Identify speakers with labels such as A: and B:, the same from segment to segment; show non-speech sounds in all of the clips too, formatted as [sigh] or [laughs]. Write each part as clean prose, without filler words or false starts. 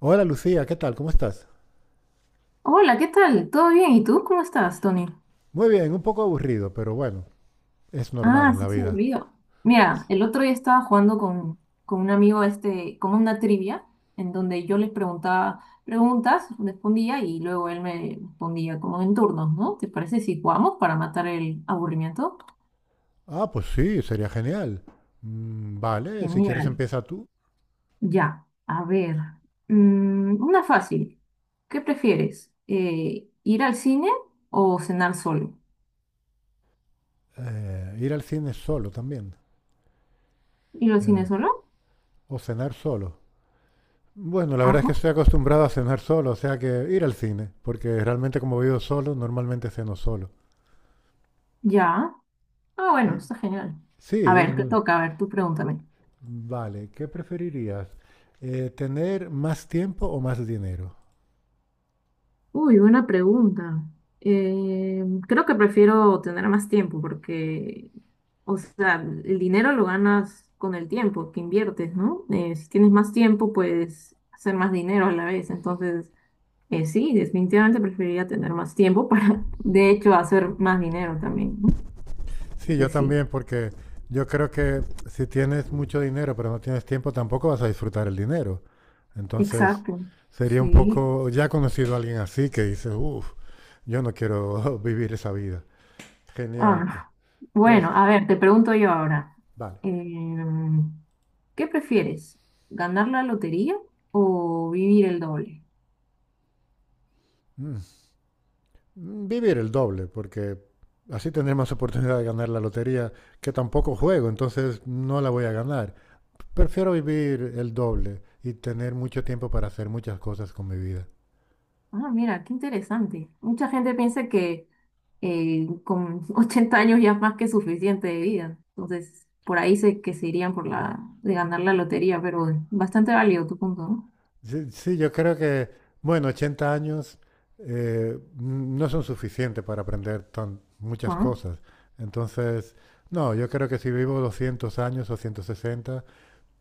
A: Hola Lucía, ¿qué tal? ¿Cómo estás?
B: Hola, ¿qué tal? ¿Todo bien? ¿Y tú cómo estás, Tony?
A: Muy bien, un poco aburrido, pero bueno, es normal
B: Ah,
A: en
B: sí,
A: la
B: se me
A: vida.
B: olvidó. Mira, el otro día estaba jugando con un amigo, este, como una trivia, en donde yo les preguntaba preguntas, respondía y luego él me respondía como en turnos, ¿no? ¿Te parece si jugamos para matar el aburrimiento?
A: Ah, pues sí, sería genial. Vale, si quieres
B: Genial.
A: empieza tú.
B: Ya, a ver. Una fácil. ¿Qué prefieres? ¿Ir al cine o cenar solo?
A: Ir al cine solo también.
B: ¿Ir al cine
A: eh,
B: solo?
A: o cenar solo. Bueno, la verdad es que
B: Ajá.
A: estoy acostumbrado a cenar solo, o sea que ir al cine, porque realmente como vivo solo, normalmente ceno solo.
B: Ya. Ah, bueno,
A: Y,
B: está genial. A
A: sí,
B: ver, te toca, a ver, tú pregúntame.
A: vale, ¿qué preferirías? ¿Tener más tiempo o más dinero?
B: Uy, buena pregunta. Eh, Creo que prefiero tener más tiempo porque, o sea, el dinero lo ganas con el tiempo que inviertes, ¿no? Si tienes más tiempo, puedes hacer más dinero a la vez. Entonces, sí, definitivamente preferiría tener más tiempo para, [laughs] de hecho, hacer más dinero también, ¿no?
A: Sí,
B: Porque
A: yo
B: sí.
A: también, porque yo creo que si tienes mucho dinero pero no tienes tiempo, tampoco vas a disfrutar el dinero. Entonces,
B: Exacto,
A: sería un
B: sí.
A: poco, ya he conocido a alguien así que dice, uff, yo no quiero [laughs] vivir esa vida. Genial,
B: Ah,
A: pues
B: bueno, a ver, te pregunto yo ahora.
A: vale.
B: Em, ¿Qué prefieres? ¿Ganar la lotería o vivir el doble?
A: Mm. Mm, vivir el doble, porque así tendré más oportunidad de ganar la lotería, que tampoco juego, entonces no la voy a ganar. Prefiero vivir el doble y tener mucho tiempo para hacer muchas cosas con mi vida.
B: Ah, mira, qué interesante. Mucha gente piensa que con [laughs] 80 años ya es más que suficiente de vida. Entonces, por ahí sé que se irían por la de ganar la lotería, pero bastante válido tu punto, ¿no?
A: Sí, sí, yo creo que, bueno, 80 años no son suficientes para aprender tan, muchas
B: Bueno,
A: cosas. Entonces, no, yo creo que si vivo 200 años o 160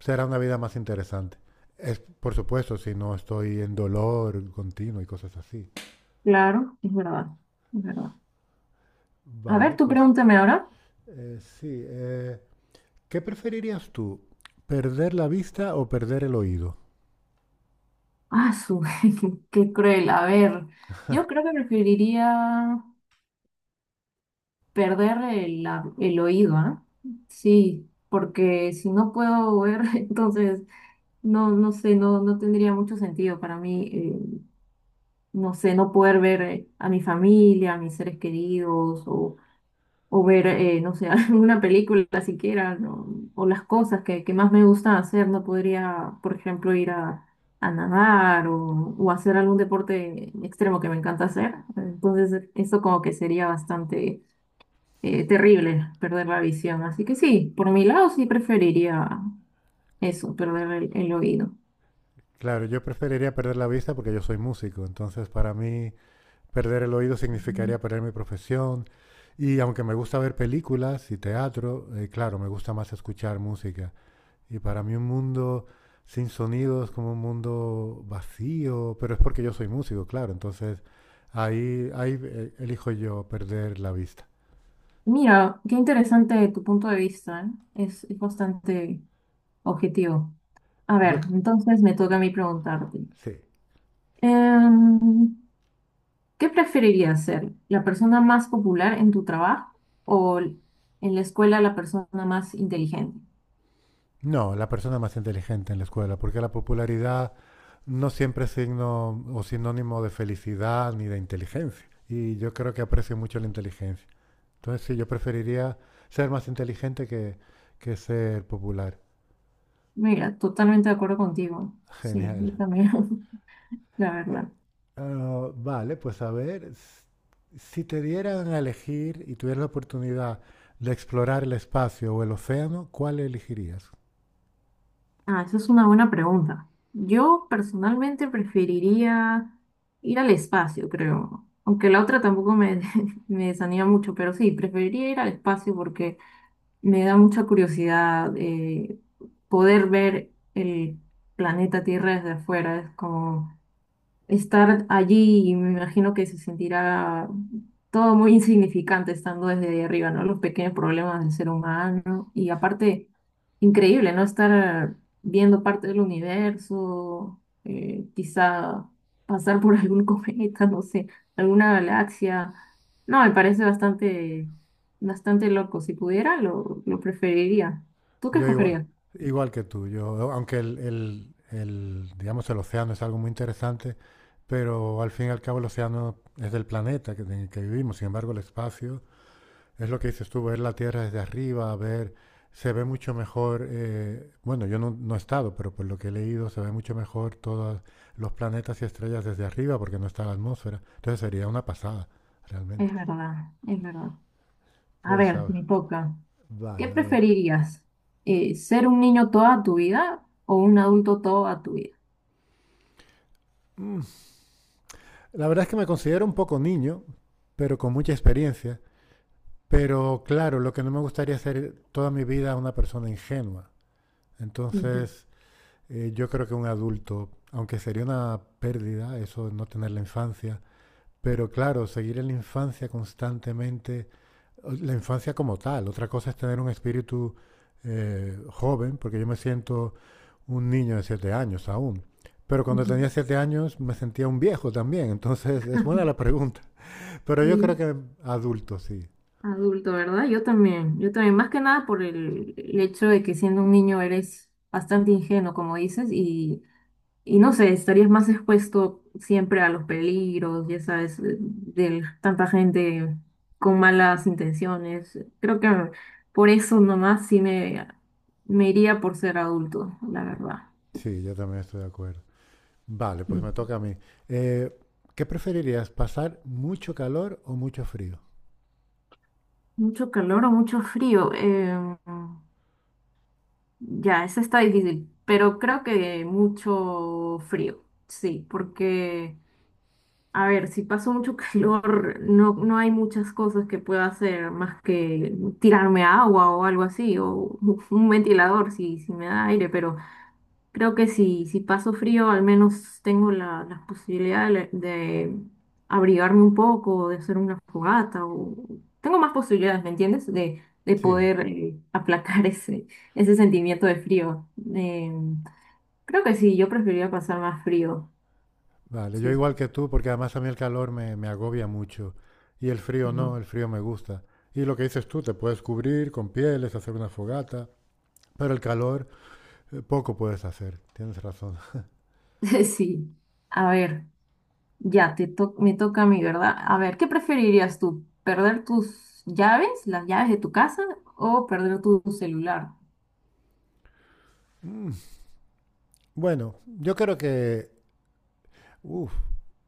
A: será una vida más interesante. Es, por supuesto, si no estoy en dolor continuo y cosas así.
B: claro, es verdad, es verdad. A ver,
A: Vale,
B: tú
A: pues
B: pregúntame ahora.
A: sí. ¿Qué preferirías tú? ¿Perder la vista o perder el oído?
B: Ah, su, [laughs] qué, qué cruel. A ver, yo creo que preferiría. Perder el oído, ¿ah? Sí, porque si no puedo ver, [laughs] entonces no, no sé, no, no tendría mucho sentido para mí, no sé, no poder ver a mi familia, a mis seres queridos, o ver, no sé, [laughs] alguna película siquiera, ¿no? O las cosas que más me gustan hacer, no podría, por ejemplo, ir a nadar o hacer algún deporte extremo que me encanta hacer. Entonces, eso como que sería bastante terrible perder la visión. Así que sí, por mi lado sí preferiría eso, perder el oído.
A: Claro, yo preferiría perder la vista porque yo soy músico, entonces para mí perder el oído
B: Ujú.
A: significaría perder mi profesión. Y aunque me gusta ver películas y teatro, claro, me gusta más escuchar música. Y para mí un mundo sin sonido es como un mundo vacío, pero es porque yo soy músico, claro. Entonces ahí elijo yo perder la vista.
B: Mira, qué interesante tu punto de vista, ¿eh? Es bastante objetivo. A
A: Yo
B: ver,
A: c-
B: entonces me toca a mí preguntarte.
A: sí.
B: Em, ¿Qué preferirías ser? ¿La persona más popular en tu trabajo o l- en la escuela la persona más inteligente?
A: No, la persona más inteligente en la escuela, porque la popularidad no siempre es signo o sinónimo de felicidad ni de inteligencia. Y yo creo que aprecio mucho la inteligencia. Entonces sí, yo preferiría ser más inteligente que ser popular.
B: Mira, totalmente de acuerdo contigo.
A: [laughs]
B: Sí,
A: Genial.
B: yo también, [laughs] la
A: Eh,
B: verdad.
A: vale, pues a ver, si te dieran a elegir y tuvieras la oportunidad de explorar el espacio o el océano, ¿cuál elegirías?
B: Ah, esa es una buena pregunta. Yo personalmente preferiría ir al espacio, creo. Aunque la otra tampoco me, [laughs] me desanima mucho, pero sí, preferiría ir al espacio porque me da mucha curiosidad poder ver el planeta Tierra desde afuera. Es como estar allí, y me imagino que se sentirá todo muy insignificante estando desde ahí arriba, ¿no? Los pequeños problemas del ser humano y aparte, increíble, ¿no? Estar viendo parte del universo, quizá pasar por [laughs] algún cometa, no sé, alguna galaxia. No, me parece bastante, bastante loco. Si pudiera, lo preferiría. ¿Tú qué
A: Yo igual,
B: escogerías?
A: igual que tú, yo, aunque digamos, el océano es algo muy interesante, pero al fin y al cabo el océano es del planeta en el que vivimos, sin embargo el espacio es lo que dices tú, ver la Tierra desde arriba, ver, se ve mucho mejor, bueno, yo no, no he estado, pero por lo que he leído, se ve mucho mejor todos los planetas y estrellas desde arriba porque no está la atmósfera. Entonces sería una pasada, realmente.
B: Es verdad, es verdad. A
A: Pues,
B: ver, me toca. ¿Qué
A: vale, a ver.
B: preferirías? ¿Ser un niño toda tu vida o un adulto toda tu vida?
A: La verdad es que me considero un poco niño, pero con mucha experiencia. Pero claro, lo que no me gustaría es ser toda mi vida una persona ingenua.
B: Ujú,
A: Entonces, yo creo que un adulto, aunque sería una pérdida eso de no tener la infancia, pero claro, seguir en la infancia constantemente, la infancia como tal, otra cosa es tener un espíritu joven, porque yo me siento un niño de 7 años aún. Pero cuando
B: ujú.
A: tenía 7 años me sentía un viejo también, entonces es buena la pregunta. Pero yo creo
B: Sí,
A: que adulto, sí.
B: adulto, ¿verdad? Yo también, más que nada por el hecho de que siendo un niño eres bastante ingenuo, como dices, y no sé, estarías más expuesto siempre a los peligros, ya sabes, de tanta gente con malas intenciones. Creo que por eso nomás sí me iría por ser adulto, la verdad.
A: Sí, yo también estoy de acuerdo. Vale, pues me toca a mí. Eh, ¿Qué preferirías, pasar mucho calor o mucho frío?
B: Mucho calor o mucho frío. Ya, eso está difícil, pero creo que mucho frío, sí, porque, a ver, si paso mucho [laughs] calor, no, no hay muchas cosas que pueda hacer más que tirarme agua o algo así, o [laughs] un ventilador si, si me da aire, pero... Creo que si, si paso frío, al menos tengo la, las posibilidades de, le- de abrigarme un poco, de hacer una fogata, o tengo más posibilidades, ¿me entiendes? De
A: Sí,
B: poder [laughs] aplacar ese, ese sentimiento de frío. Eh, Creo que sí, yo preferiría pasar más frío.
A: vale, yo
B: Sí,
A: igual
B: sí.
A: que tú, porque además a mí el calor me agobia mucho y el frío no,
B: Ujú.
A: el frío me gusta. Y lo que dices tú, te puedes cubrir con pieles, hacer una fogata, pero el calor poco puedes hacer, tienes razón. [laughs]
B: [laughs] Sí. A ver, me toca a mí, ¿verdad? A ver, ¿qué preferirías tú? ¿Perder tus llaves, las llaves de tu casa, o perder tu celular?
A: Bueno, yo creo que uf.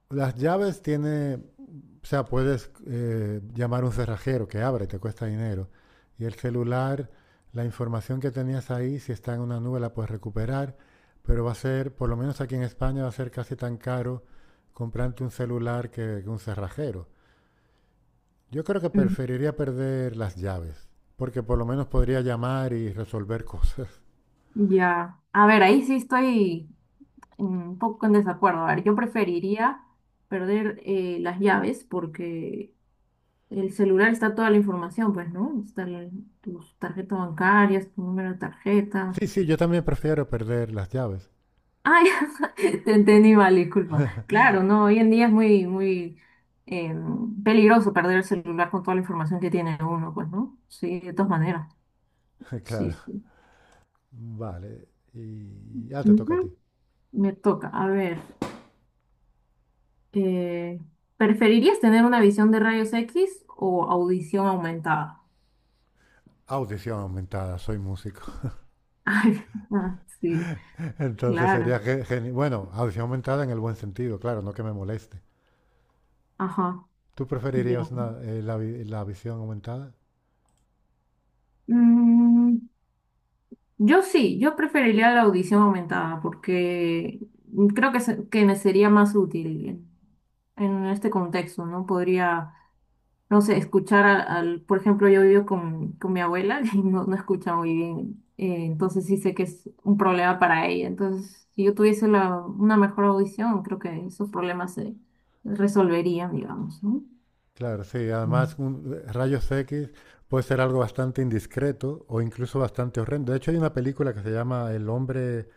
A: Las llaves tiene, o sea, puedes llamar a un cerrajero que abra y te cuesta dinero. Y el celular, la información que tenías ahí, si está en una nube, la puedes recuperar, pero va a ser, por lo menos aquí en España, va a ser casi tan caro comprarte un celular que un cerrajero. Yo creo que preferiría perder las llaves, porque por lo menos podría llamar y resolver cosas. [laughs]
B: Ya, a ver, ahí sí estoy un poco en desacuerdo. A ver, yo preferiría perder las llaves porque el celular está toda la información, pues, ¿no? Está tus tarjetas bancarias, tu número de tarjeta.
A: Sí, sí, yo también prefiero perder las llaves.
B: Ay, [laughs] te entendí mal, disculpa. Claro, no, hoy en día es muy, muy eh, peligroso perder el celular con toda la información que tiene uno, pues, ¿no? Sí, de todas maneras.
A: [laughs]
B: Sí,
A: Claro.
B: sí.
A: Vale. Y ya te toca a ti.
B: Ujú. Me toca, a ver. Eh, ¿Preferirías tener una visión de rayos X o audición aumentada?
A: Audición aumentada, soy músico.
B: [laughs] Ay, ah, sí,
A: [laughs] Entonces
B: claro.
A: sería genial. Bueno, audición aumentada en el buen sentido, claro, no que me moleste.
B: Ajá,
A: ¿Tú preferirías
B: ya.
A: una, la visión aumentada?
B: Mm, yo sí, yo preferiría la audición aumentada porque creo que, que me sería más útil en este contexto, ¿no? Podría no sé, escuchar por ejemplo, yo vivo con mi abuela [laughs] y no, no escucha muy bien, entonces sí sé que es un problema para ella. Entonces, si yo tuviese la, una mejor audición, creo que esos problemas se resolverían, digamos, ¿no?
A: Claro, sí. Además,
B: Mm.
A: rayos X puede ser algo bastante indiscreto o incluso bastante horrendo. De hecho, hay una película que se llama El Hombre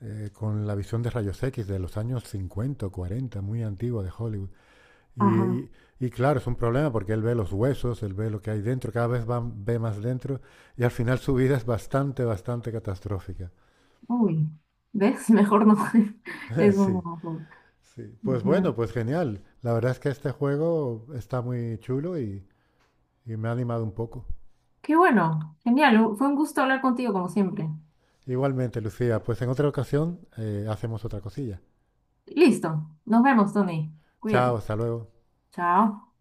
A: con la visión de rayos X de los años 50, o 40, muy antigua de Hollywood. Y,
B: Ajá,
A: y- y claro, es un problema porque él ve los huesos, él ve lo que hay dentro, cada vez va, ve más dentro y al final su vida es bastante, bastante catastrófica.
B: uy, ¿ves? [laughs] Mejor no. [laughs]
A: [laughs]
B: Es un
A: Sí,
B: mejor.
A: sí. Pues bueno,
B: Ujú.
A: pues genial. La verdad es que este juego está muy chulo y me ha animado un poco.
B: Qué bueno, genial, fue un gusto hablar contigo como siempre.
A: Igualmente, Lucía, pues en otra ocasión hacemos otra cosilla.
B: Listo, nos vemos, Tony.
A: Chao,
B: Cuídate.
A: hasta luego.
B: Chao.